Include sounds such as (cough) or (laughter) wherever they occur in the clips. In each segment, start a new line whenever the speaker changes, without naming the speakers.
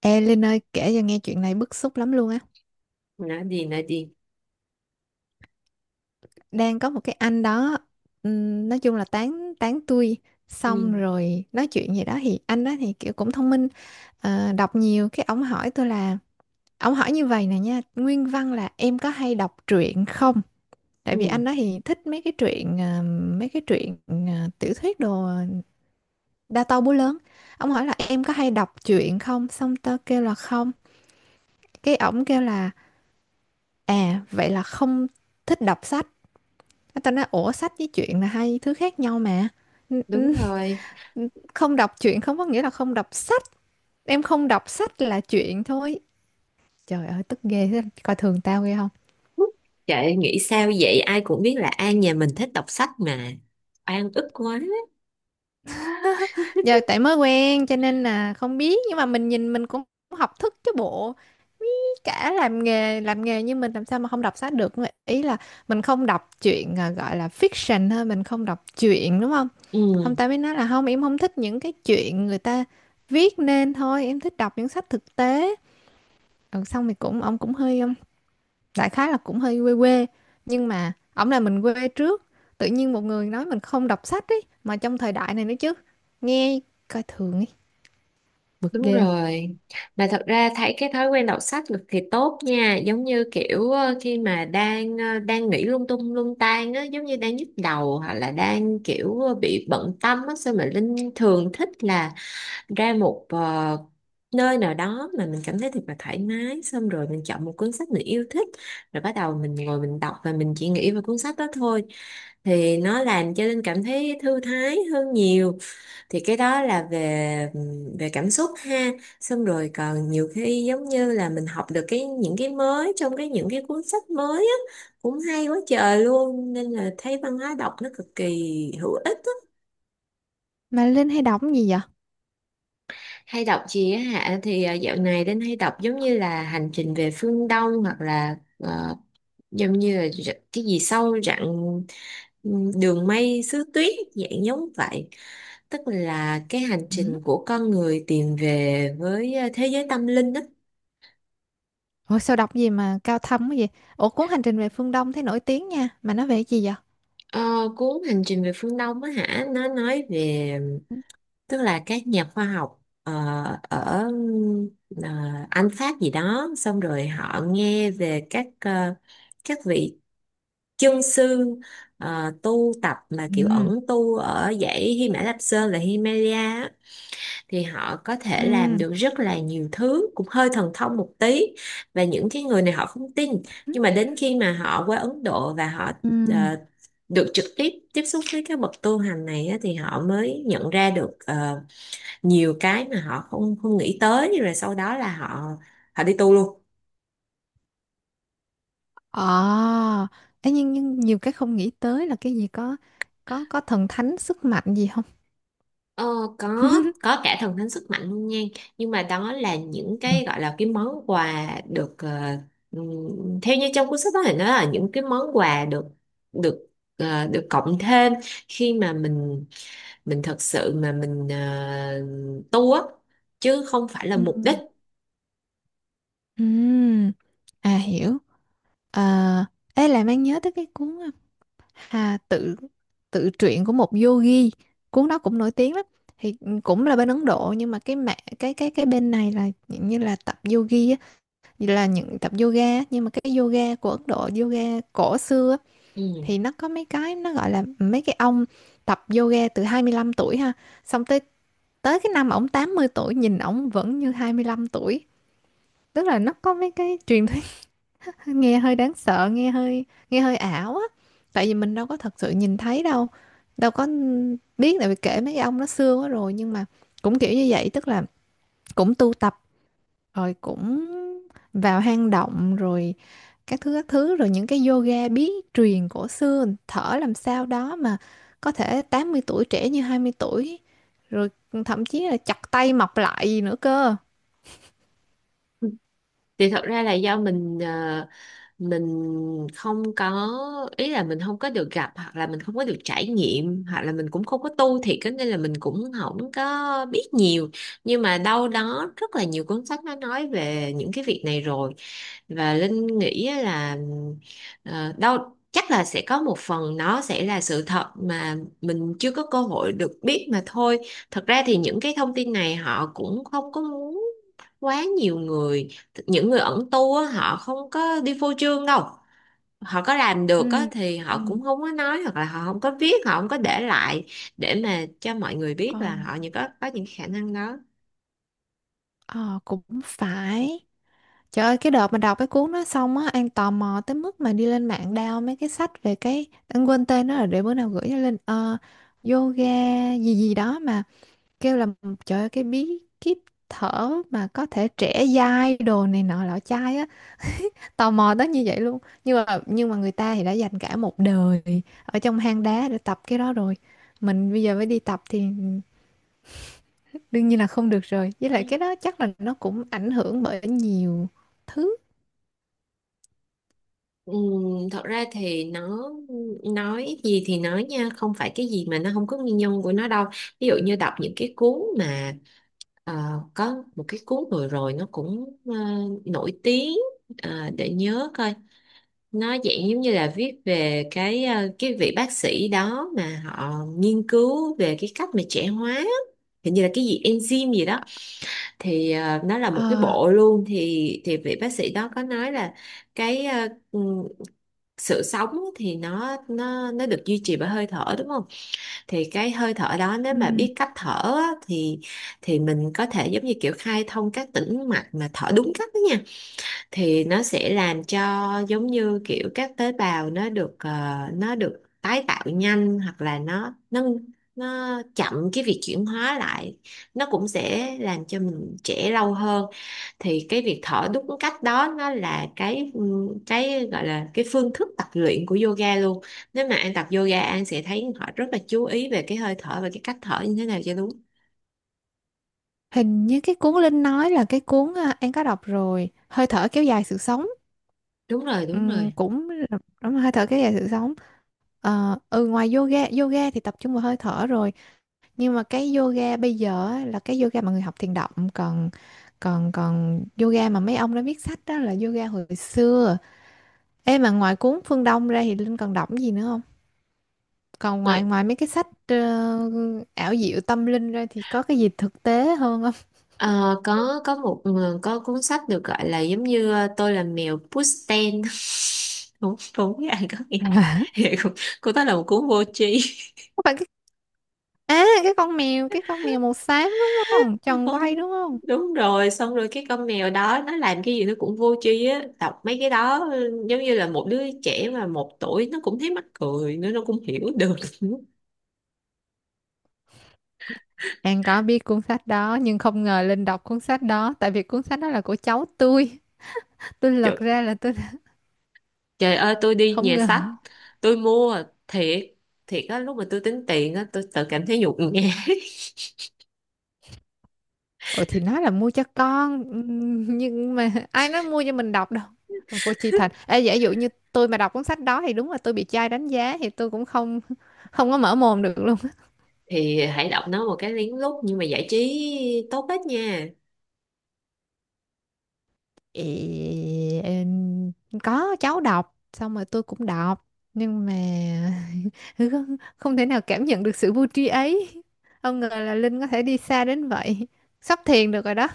Ê Linh ơi, kể cho nghe chuyện này bức xúc lắm luôn á.
Nói gì nói gì?
Đang có một cái anh đó, nói chung là tán tán tui. Xong
ừ,
rồi nói chuyện gì đó. Thì anh đó thì kiểu cũng thông minh, đọc nhiều cái ông hỏi tôi là. Ông hỏi như vậy nè nha, nguyên văn là: em có hay đọc truyện không? Tại vì
ừ,
anh đó thì thích mấy cái truyện, mấy cái truyện, tiểu thuyết đồ. Đa to búa lớn. Ông hỏi là em có hay đọc truyện không. Xong tao kêu là không. Cái ổng kêu là à, vậy là không thích đọc sách. Cái ta nói ủa, sách với truyện là hai thứ khác nhau mà. n-
Đúng rồi.
n- Không đọc truyện không có nghĩa là không đọc sách, em không đọc sách là truyện thôi. Trời ơi tức ghê thế, coi thường tao ghê không?
Trời, nghĩ sao vậy? Ai cũng biết là An nhà mình thích đọc sách mà. An ức quá.
Giờ tại mới quen cho nên là không biết, nhưng mà mình nhìn mình cũng học thức chứ bộ. Cả làm nghề như mình làm sao mà không đọc sách được. Ý là mình không đọc truyện, à, gọi là fiction thôi, mình không đọc truyện đúng không? Không,
ừ,
tao mới nói là không, em không thích những cái chuyện người ta viết nên thôi, em thích đọc những sách thực tế. Ừ, xong thì cũng ông cũng hơi đại khái là cũng hơi quê quê, nhưng mà ổng là mình quê trước. Tự nhiên một người nói mình không đọc sách ấy mà, trong thời đại này nữa chứ, nghe coi thường ấy, bực
Đúng
ghê không?
rồi, mà thật ra thấy cái thói quen đọc sách cực kỳ tốt nha, giống như kiểu khi mà đang đang nghĩ lung tung lung tan á, giống như đang nhức đầu hoặc là đang kiểu bị bận tâm á, sao mà Linh thường thích là ra một nơi nào đó mà mình cảm thấy thật là thoải mái, xong rồi mình chọn một cuốn sách mình yêu thích, rồi bắt đầu mình ngồi mình đọc và mình chỉ nghĩ về cuốn sách đó thôi, thì nó làm cho Linh cảm thấy thư thái hơn nhiều. Thì cái đó là về về cảm xúc ha. Xong rồi còn nhiều khi giống như là mình học được cái những cái mới trong cái những cái cuốn sách mới á, cũng hay quá trời luôn, nên là thấy văn hóa đọc nó cực kỳ hữu ích.
Mà Linh hay đọc cái gì vậy?
Hay đọc gì á hả? Thì dạo này đến hay đọc giống như là Hành trình về phương Đông, hoặc là giống như là cái gì sâu rặng, Đường mây xứ tuyết, dạng giống vậy. Tức là cái hành
Ừ.
trình của con người tìm về với thế giới tâm linh đó.
Ủa sao đọc gì mà cao thâm cái gì? Ủa cuốn Hành trình về phương Đông thấy nổi tiếng nha, mà nó về cái gì vậy?
Ờ, Cuốn Hành trình về phương Đông á hả, nó nói về, tức là các nhà khoa học ở ờ, Anh, Pháp gì đó, xong rồi họ nghe về các các vị chân sư tu tập mà kiểu
Ừ.
ẩn tu ở dãy Hy Mã Lạp Sơn, là Himalaya á, thì họ có thể làm
Ừ.
được rất là nhiều thứ, cũng hơi thần thông một tí. Và những cái người này họ không tin, nhưng mà đến khi mà họ qua Ấn Độ và họ
Ừ.
ờ, được trực tiếp tiếp xúc với các bậc tu hành này á, thì họ mới nhận ra được nhiều cái mà họ không không nghĩ tới, rồi sau đó là họ họ đi tu luôn.
Ờ. Ê, nhưng nhiều cái không nghĩ tới là cái gì? Có thần thánh sức mạnh gì không?
Ờ, có có
(laughs)
cả thần thánh sức mạnh luôn nha, nhưng mà đó là những
Ừ.
cái gọi là cái món quà được theo như trong cuốn sách đó thì nó là những cái món quà được được được cộng thêm khi mà mình thật sự mà mình tu á, chứ không phải là mục đích.
Ừ. Ừm, à, hiểu. À, ê làm anh nhớ tới cái cuốn, à, Hà tự tự truyện của một yogi. Cuốn đó cũng nổi tiếng lắm. Thì cũng là bên Ấn Độ, nhưng mà cái mẹ cái bên này là dạng như là tập yogi á, như là những tập yoga á. Nhưng mà cái yoga của Ấn Độ, yoga cổ xưa á,
Ừ.
thì nó có mấy cái nó gọi là mấy cái ông tập yoga từ 25 tuổi ha. Xong tới tới cái năm ổng 80 tuổi nhìn ổng vẫn như 25 tuổi. Tức là nó có mấy cái truyền thuyết, nghe hơi đáng sợ, nghe hơi ảo á, tại vì mình đâu có thật sự nhìn thấy đâu, đâu có biết, tại vì kể mấy ông nó xưa quá rồi. Nhưng mà cũng kiểu như vậy, tức là cũng tu tập rồi cũng vào hang động rồi các thứ các thứ, rồi những cái yoga bí truyền cổ xưa thở làm sao đó mà có thể 80 tuổi trẻ như 20 tuổi, rồi thậm chí là chặt tay mọc lại gì nữa cơ.
Thì thật ra là do mình mình không có, ý là mình không có được gặp, hoặc là mình không có được trải nghiệm, hoặc là mình cũng không có tu thiệt á, nên là mình cũng không có biết nhiều. Nhưng mà đâu đó rất là nhiều cuốn sách nó nói về những cái việc này rồi, và Linh nghĩ á là đâu chắc là sẽ có một phần nó sẽ là sự thật mà mình chưa có cơ hội được biết mà thôi. Thật ra thì những cái thông tin này họ cũng không có muốn quá nhiều người, những người ẩn tu á, họ không có đi phô trương đâu, họ có làm được á,
Ừ.
thì
Ừ.
họ cũng không có nói, hoặc là họ không có viết, họ không có để lại để mà cho mọi người biết
Ờ,
là họ, những có những khả năng đó.
ờ, cũng phải. Trời ơi, cái đợt mà đọc cái cuốn đó xong á, An tò mò tới mức mà đi lên mạng đao mấy cái sách về cái, An quên tên nó rồi, để bữa nào gửi cho Linh. Ờ, Yoga gì gì đó mà kêu là, trời ơi, cái bí kíp thở mà có thể trẻ dai đồ này nọ lọ chai á, tò mò tới như vậy luôn. Nhưng mà người ta thì đã dành cả một đời ở trong hang đá để tập cái đó rồi. Mình bây giờ mới đi tập thì đương nhiên là không được rồi. Với lại cái đó chắc là nó cũng ảnh hưởng bởi nhiều thứ.
Thật ra thì nó, nói gì thì nói nha, không phải cái gì mà nó không có nguyên nhân của nó đâu. Ví dụ như đọc những cái cuốn mà ờ, có một cái cuốn vừa rồi nó cũng nổi tiếng. Ờ, để nhớ coi, nó dạng giống như là viết về cái cái vị bác sĩ đó mà họ nghiên cứu về cái cách mà trẻ hóa á. Hình như là cái gì enzyme gì đó, thì nó là một cái
Ờ.
bộ luôn, thì vị bác sĩ đó có nói là cái sự sống thì nó được duy trì bởi hơi thở đúng không, thì cái hơi thở đó nếu mà
Ừ.
biết cách thở á, thì mình có thể giống như kiểu khai thông các tĩnh mạch mà thở đúng cách đó nha, thì nó sẽ làm cho, giống như kiểu các tế bào nó được nó được tái tạo nhanh, hoặc là nó chậm cái việc chuyển hóa lại, nó cũng sẽ làm cho mình trẻ lâu hơn. Thì cái việc thở đúng cách đó nó là cái gọi là cái phương thức tập luyện của yoga luôn. Nếu mà An tập yoga, An sẽ thấy họ rất là chú ý về cái hơi thở và cái cách thở như thế nào cho đúng.
Hình như cái cuốn Linh nói là cái cuốn, à, em có đọc rồi, Hơi thở kéo dài sự sống.
đúng rồi đúng rồi
Cũng là- đúng là hơi thở kéo dài sự sống. Ờ, ừ, ngoài yoga, yoga thì tập trung vào hơi thở rồi, nhưng mà cái yoga bây giờ á, là cái yoga mà người học thiền động, còn còn còn yoga mà mấy ông đã viết sách đó là yoga hồi xưa. Ê mà ngoài cuốn Phương Đông ra thì Linh còn đọc cái gì nữa không? Còn ngoài ngoài mấy cái sách, ảo diệu tâm linh ra thì có cái gì thực tế hơn không?
Ờ, có một, có cuốn sách được gọi là giống như Tôi là mèo Pushten. (laughs) Đúng, đúng với ai có nghĩa.
(laughs)
(laughs) Vậy cô đó là một cuốn vô tri.
Phải. À, cái con mèo. Cái con mèo màu xám đúng không?
(laughs)
Tròn quay
Con-
đúng không?
Đúng rồi, xong rồi cái con mèo đó nó làm cái gì nó cũng vô tri á, đọc mấy cái đó ừ, giống như là một đứa trẻ mà 1 tuổi nó cũng thấy mắc cười, nữa nó cũng hiểu được. (laughs)
An có biết cuốn sách đó. Nhưng không ngờ Linh đọc cuốn sách đó. Tại vì cuốn sách đó là của cháu tôi. (laughs) Tôi lật
Trời,
ra là tôi (laughs)
trời ơi, tôi đi
không
nhà
ngờ.
sách tôi mua thiệt, thiệt á, lúc mà tôi tính tiền á tôi tự cảm thấy nhục nhã.
Ủa thì nói là mua cho con. (laughs) Nhưng mà ai nói mua cho mình đọc đâu. Vô chi thành. Ê giả dụ như tôi mà đọc cuốn sách đó thì đúng là tôi bị trai đánh giá. Thì tôi cũng không, có mở mồm được.
Thì hãy đọc nó một cái lén lút, nhưng mà giải trí tốt hết nha.
Ị- em- có cháu đọc xong rồi tôi cũng đọc, nhưng mà (laughs) không, thể nào cảm nhận được sự vui trí ấy. Không ngờ là Linh có thể đi xa đến vậy, sắp thiền được rồi đó,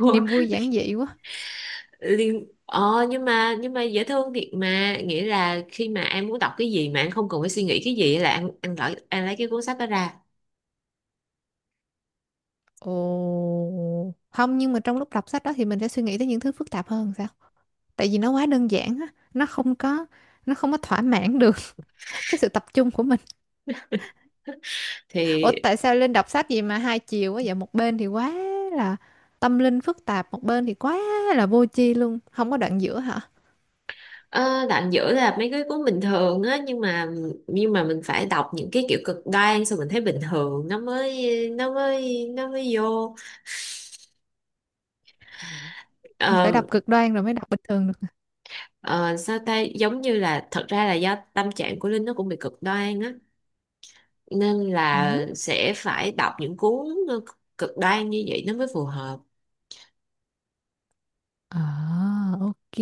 Ủa,
niềm vui giản dị quá.
liên ờ, nhưng mà dễ thương thiệt mà, nghĩa là khi mà em muốn đọc cái gì mà em không cần phải suy nghĩ cái gì là ăn ăn lấy cái cuốn sách đó ra.
Ồ không, nhưng mà trong lúc đọc sách đó thì mình sẽ suy nghĩ tới những thứ phức tạp hơn sao? Tại vì nó quá đơn giản á, nó không có, thỏa mãn được (laughs) cái sự tập trung của mình. Ủa
Thì
tại sao Linh đọc sách gì mà hai chiều quá vậy? Một bên thì quá là tâm linh phức tạp, một bên thì quá là vô tri luôn, không có đoạn giữa hả?
ờ, đoạn giữa là mấy cái cuốn bình thường á, nhưng mà mình phải đọc những cái kiểu cực đoan, xong mình thấy bình thường nó mới, nó mới vô.
Phải đọc
Ờ,
cực đoan rồi mới đọc bình thường được.
ờ, Sao ta, giống như là thật ra là do tâm trạng của Linh nó cũng bị cực đoan á, nên là
Ừ.
sẽ phải đọc những cuốn cực đoan như vậy nó mới phù hợp.
À, ok.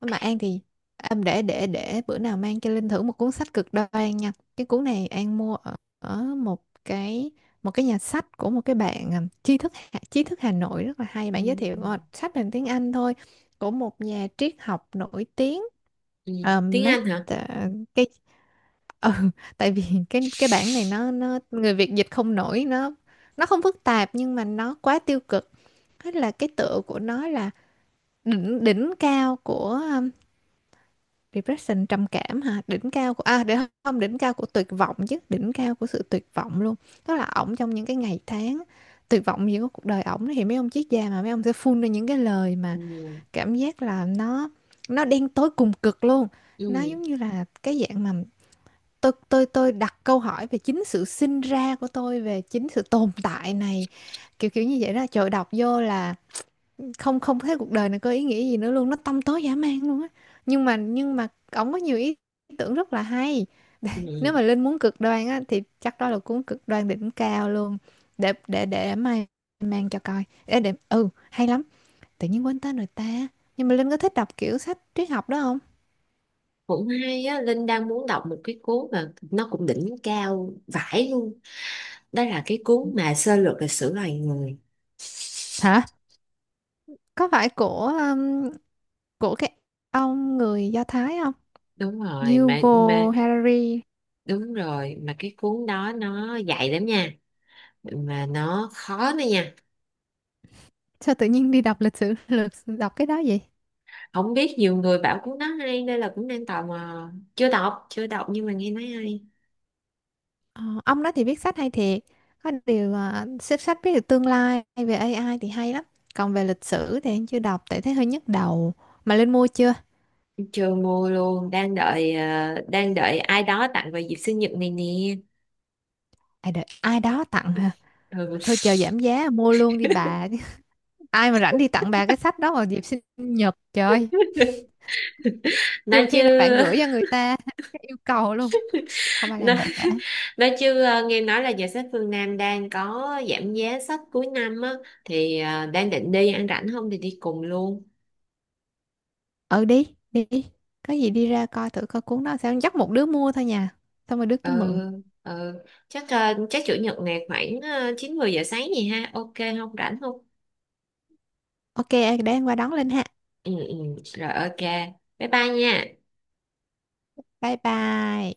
Mà An thì em để bữa nào mang cho Linh thử một cuốn sách cực đoan nha. Cái cuốn này An mua ở một cái, nhà sách của một cái bạn, à, tri thức Hà Nội rất là hay,
ừ,
bạn giới thiệu
ừ,
sách bằng tiếng Anh thôi, của một nhà triết học nổi tiếng,
ừ. Tiếng
Mark,
Anh hả?
à, cái (laughs) ừ, tại vì cái bản này nó, người Việt dịch không nổi. Nó, không phức tạp nhưng mà nó quá tiêu cực. Thế là cái tựa của nó là đỉnh đỉnh cao của, Depression, trầm cảm hả? Đỉnh cao của, à, để, không, đỉnh cao của tuyệt vọng chứ, đỉnh cao của sự tuyệt vọng luôn. Tức là ổng trong những cái ngày tháng tuyệt vọng gì của cuộc đời ổng, thì mấy ông triết gia mà mấy ông sẽ phun ra những cái lời mà
ừ,
cảm giác là nó, đen tối cùng cực luôn. Nó
ừ,
giống như là cái dạng mà tôi đặt câu hỏi về chính sự sinh ra của tôi, về chính sự tồn tại này, kiểu kiểu như vậy đó. Trời đọc vô là không, thấy cuộc đời này có ý nghĩa gì nữa luôn, nó tăm tối dã man luôn á, nhưng mà ổng có nhiều ý tưởng rất là hay. (laughs) Để, nếu
ừ.
mà Linh muốn cực đoan á thì chắc đó là cuốn cực đoan đỉnh cao luôn. Để mai mang cho coi, để ừ hay lắm. Tự nhiên quên tên rồi ta. Nhưng mà Linh có thích đọc kiểu sách triết học đó không?
Cũng hay á, Linh đang muốn đọc một cái cuốn mà nó cũng đỉnh cao vãi luôn, đó là cái cuốn mà Sơ lược lịch sử loài người.
Hả? Có phải của cái ông người Do Thái không?
Đúng rồi, mà
Yuval Harari.
đúng rồi, mà cái cuốn đó nó dạy lắm nha, mà nó khó nữa nha.
Sao tự nhiên đi đọc lịch sử (laughs) lược đọc cái đó vậy?
Không biết, nhiều người bảo cuốn đó hay nên là cũng đang tò mò, chưa đọc nhưng mà nghe nói hay.
Ờ, ông đó thì viết sách hay thiệt. Có điều, à, xếp sách viết được tương lai về AI thì hay lắm. Còn về lịch sử thì anh chưa đọc tại thấy hơi nhức đầu. Mà Linh mua chưa?
Chưa mua luôn, đang đợi đang đợi ai đó tặng vào dịp sinh nhật này nè.
À, đợi ai đó tặng hả?
Ừ.
Thôi chờ giảm giá mua luôn đi bà. (laughs) Ai mà rảnh đi tặng bà cái sách đó vào dịp sinh nhật, trời.
(laughs) Nói
Trừ
chứ.
khi là bạn gửi cho người ta (laughs) cái yêu cầu luôn, không ai
nói,
làm vậy cả.
nói chứ, nghe nói là giờ Sách Phương Nam đang có giảm giá sách cuối năm á, thì đang định đi ăn rảnh không thì đi cùng luôn.
Ừ, đi đi đi. Có gì đi ra coi thử coi cuốn đó sao, dắt một đứa mua thôi nha, xong rồi đứa
ừ,
kia mượn.
ừ. Chắc chắc chủ nhật này khoảng 9 10 giờ sáng gì ha, ok? Không, rảnh không?
Ok để anh qua đón Linh ha.
Ừ. Rồi, ok, bye bye nha.
Bye bye.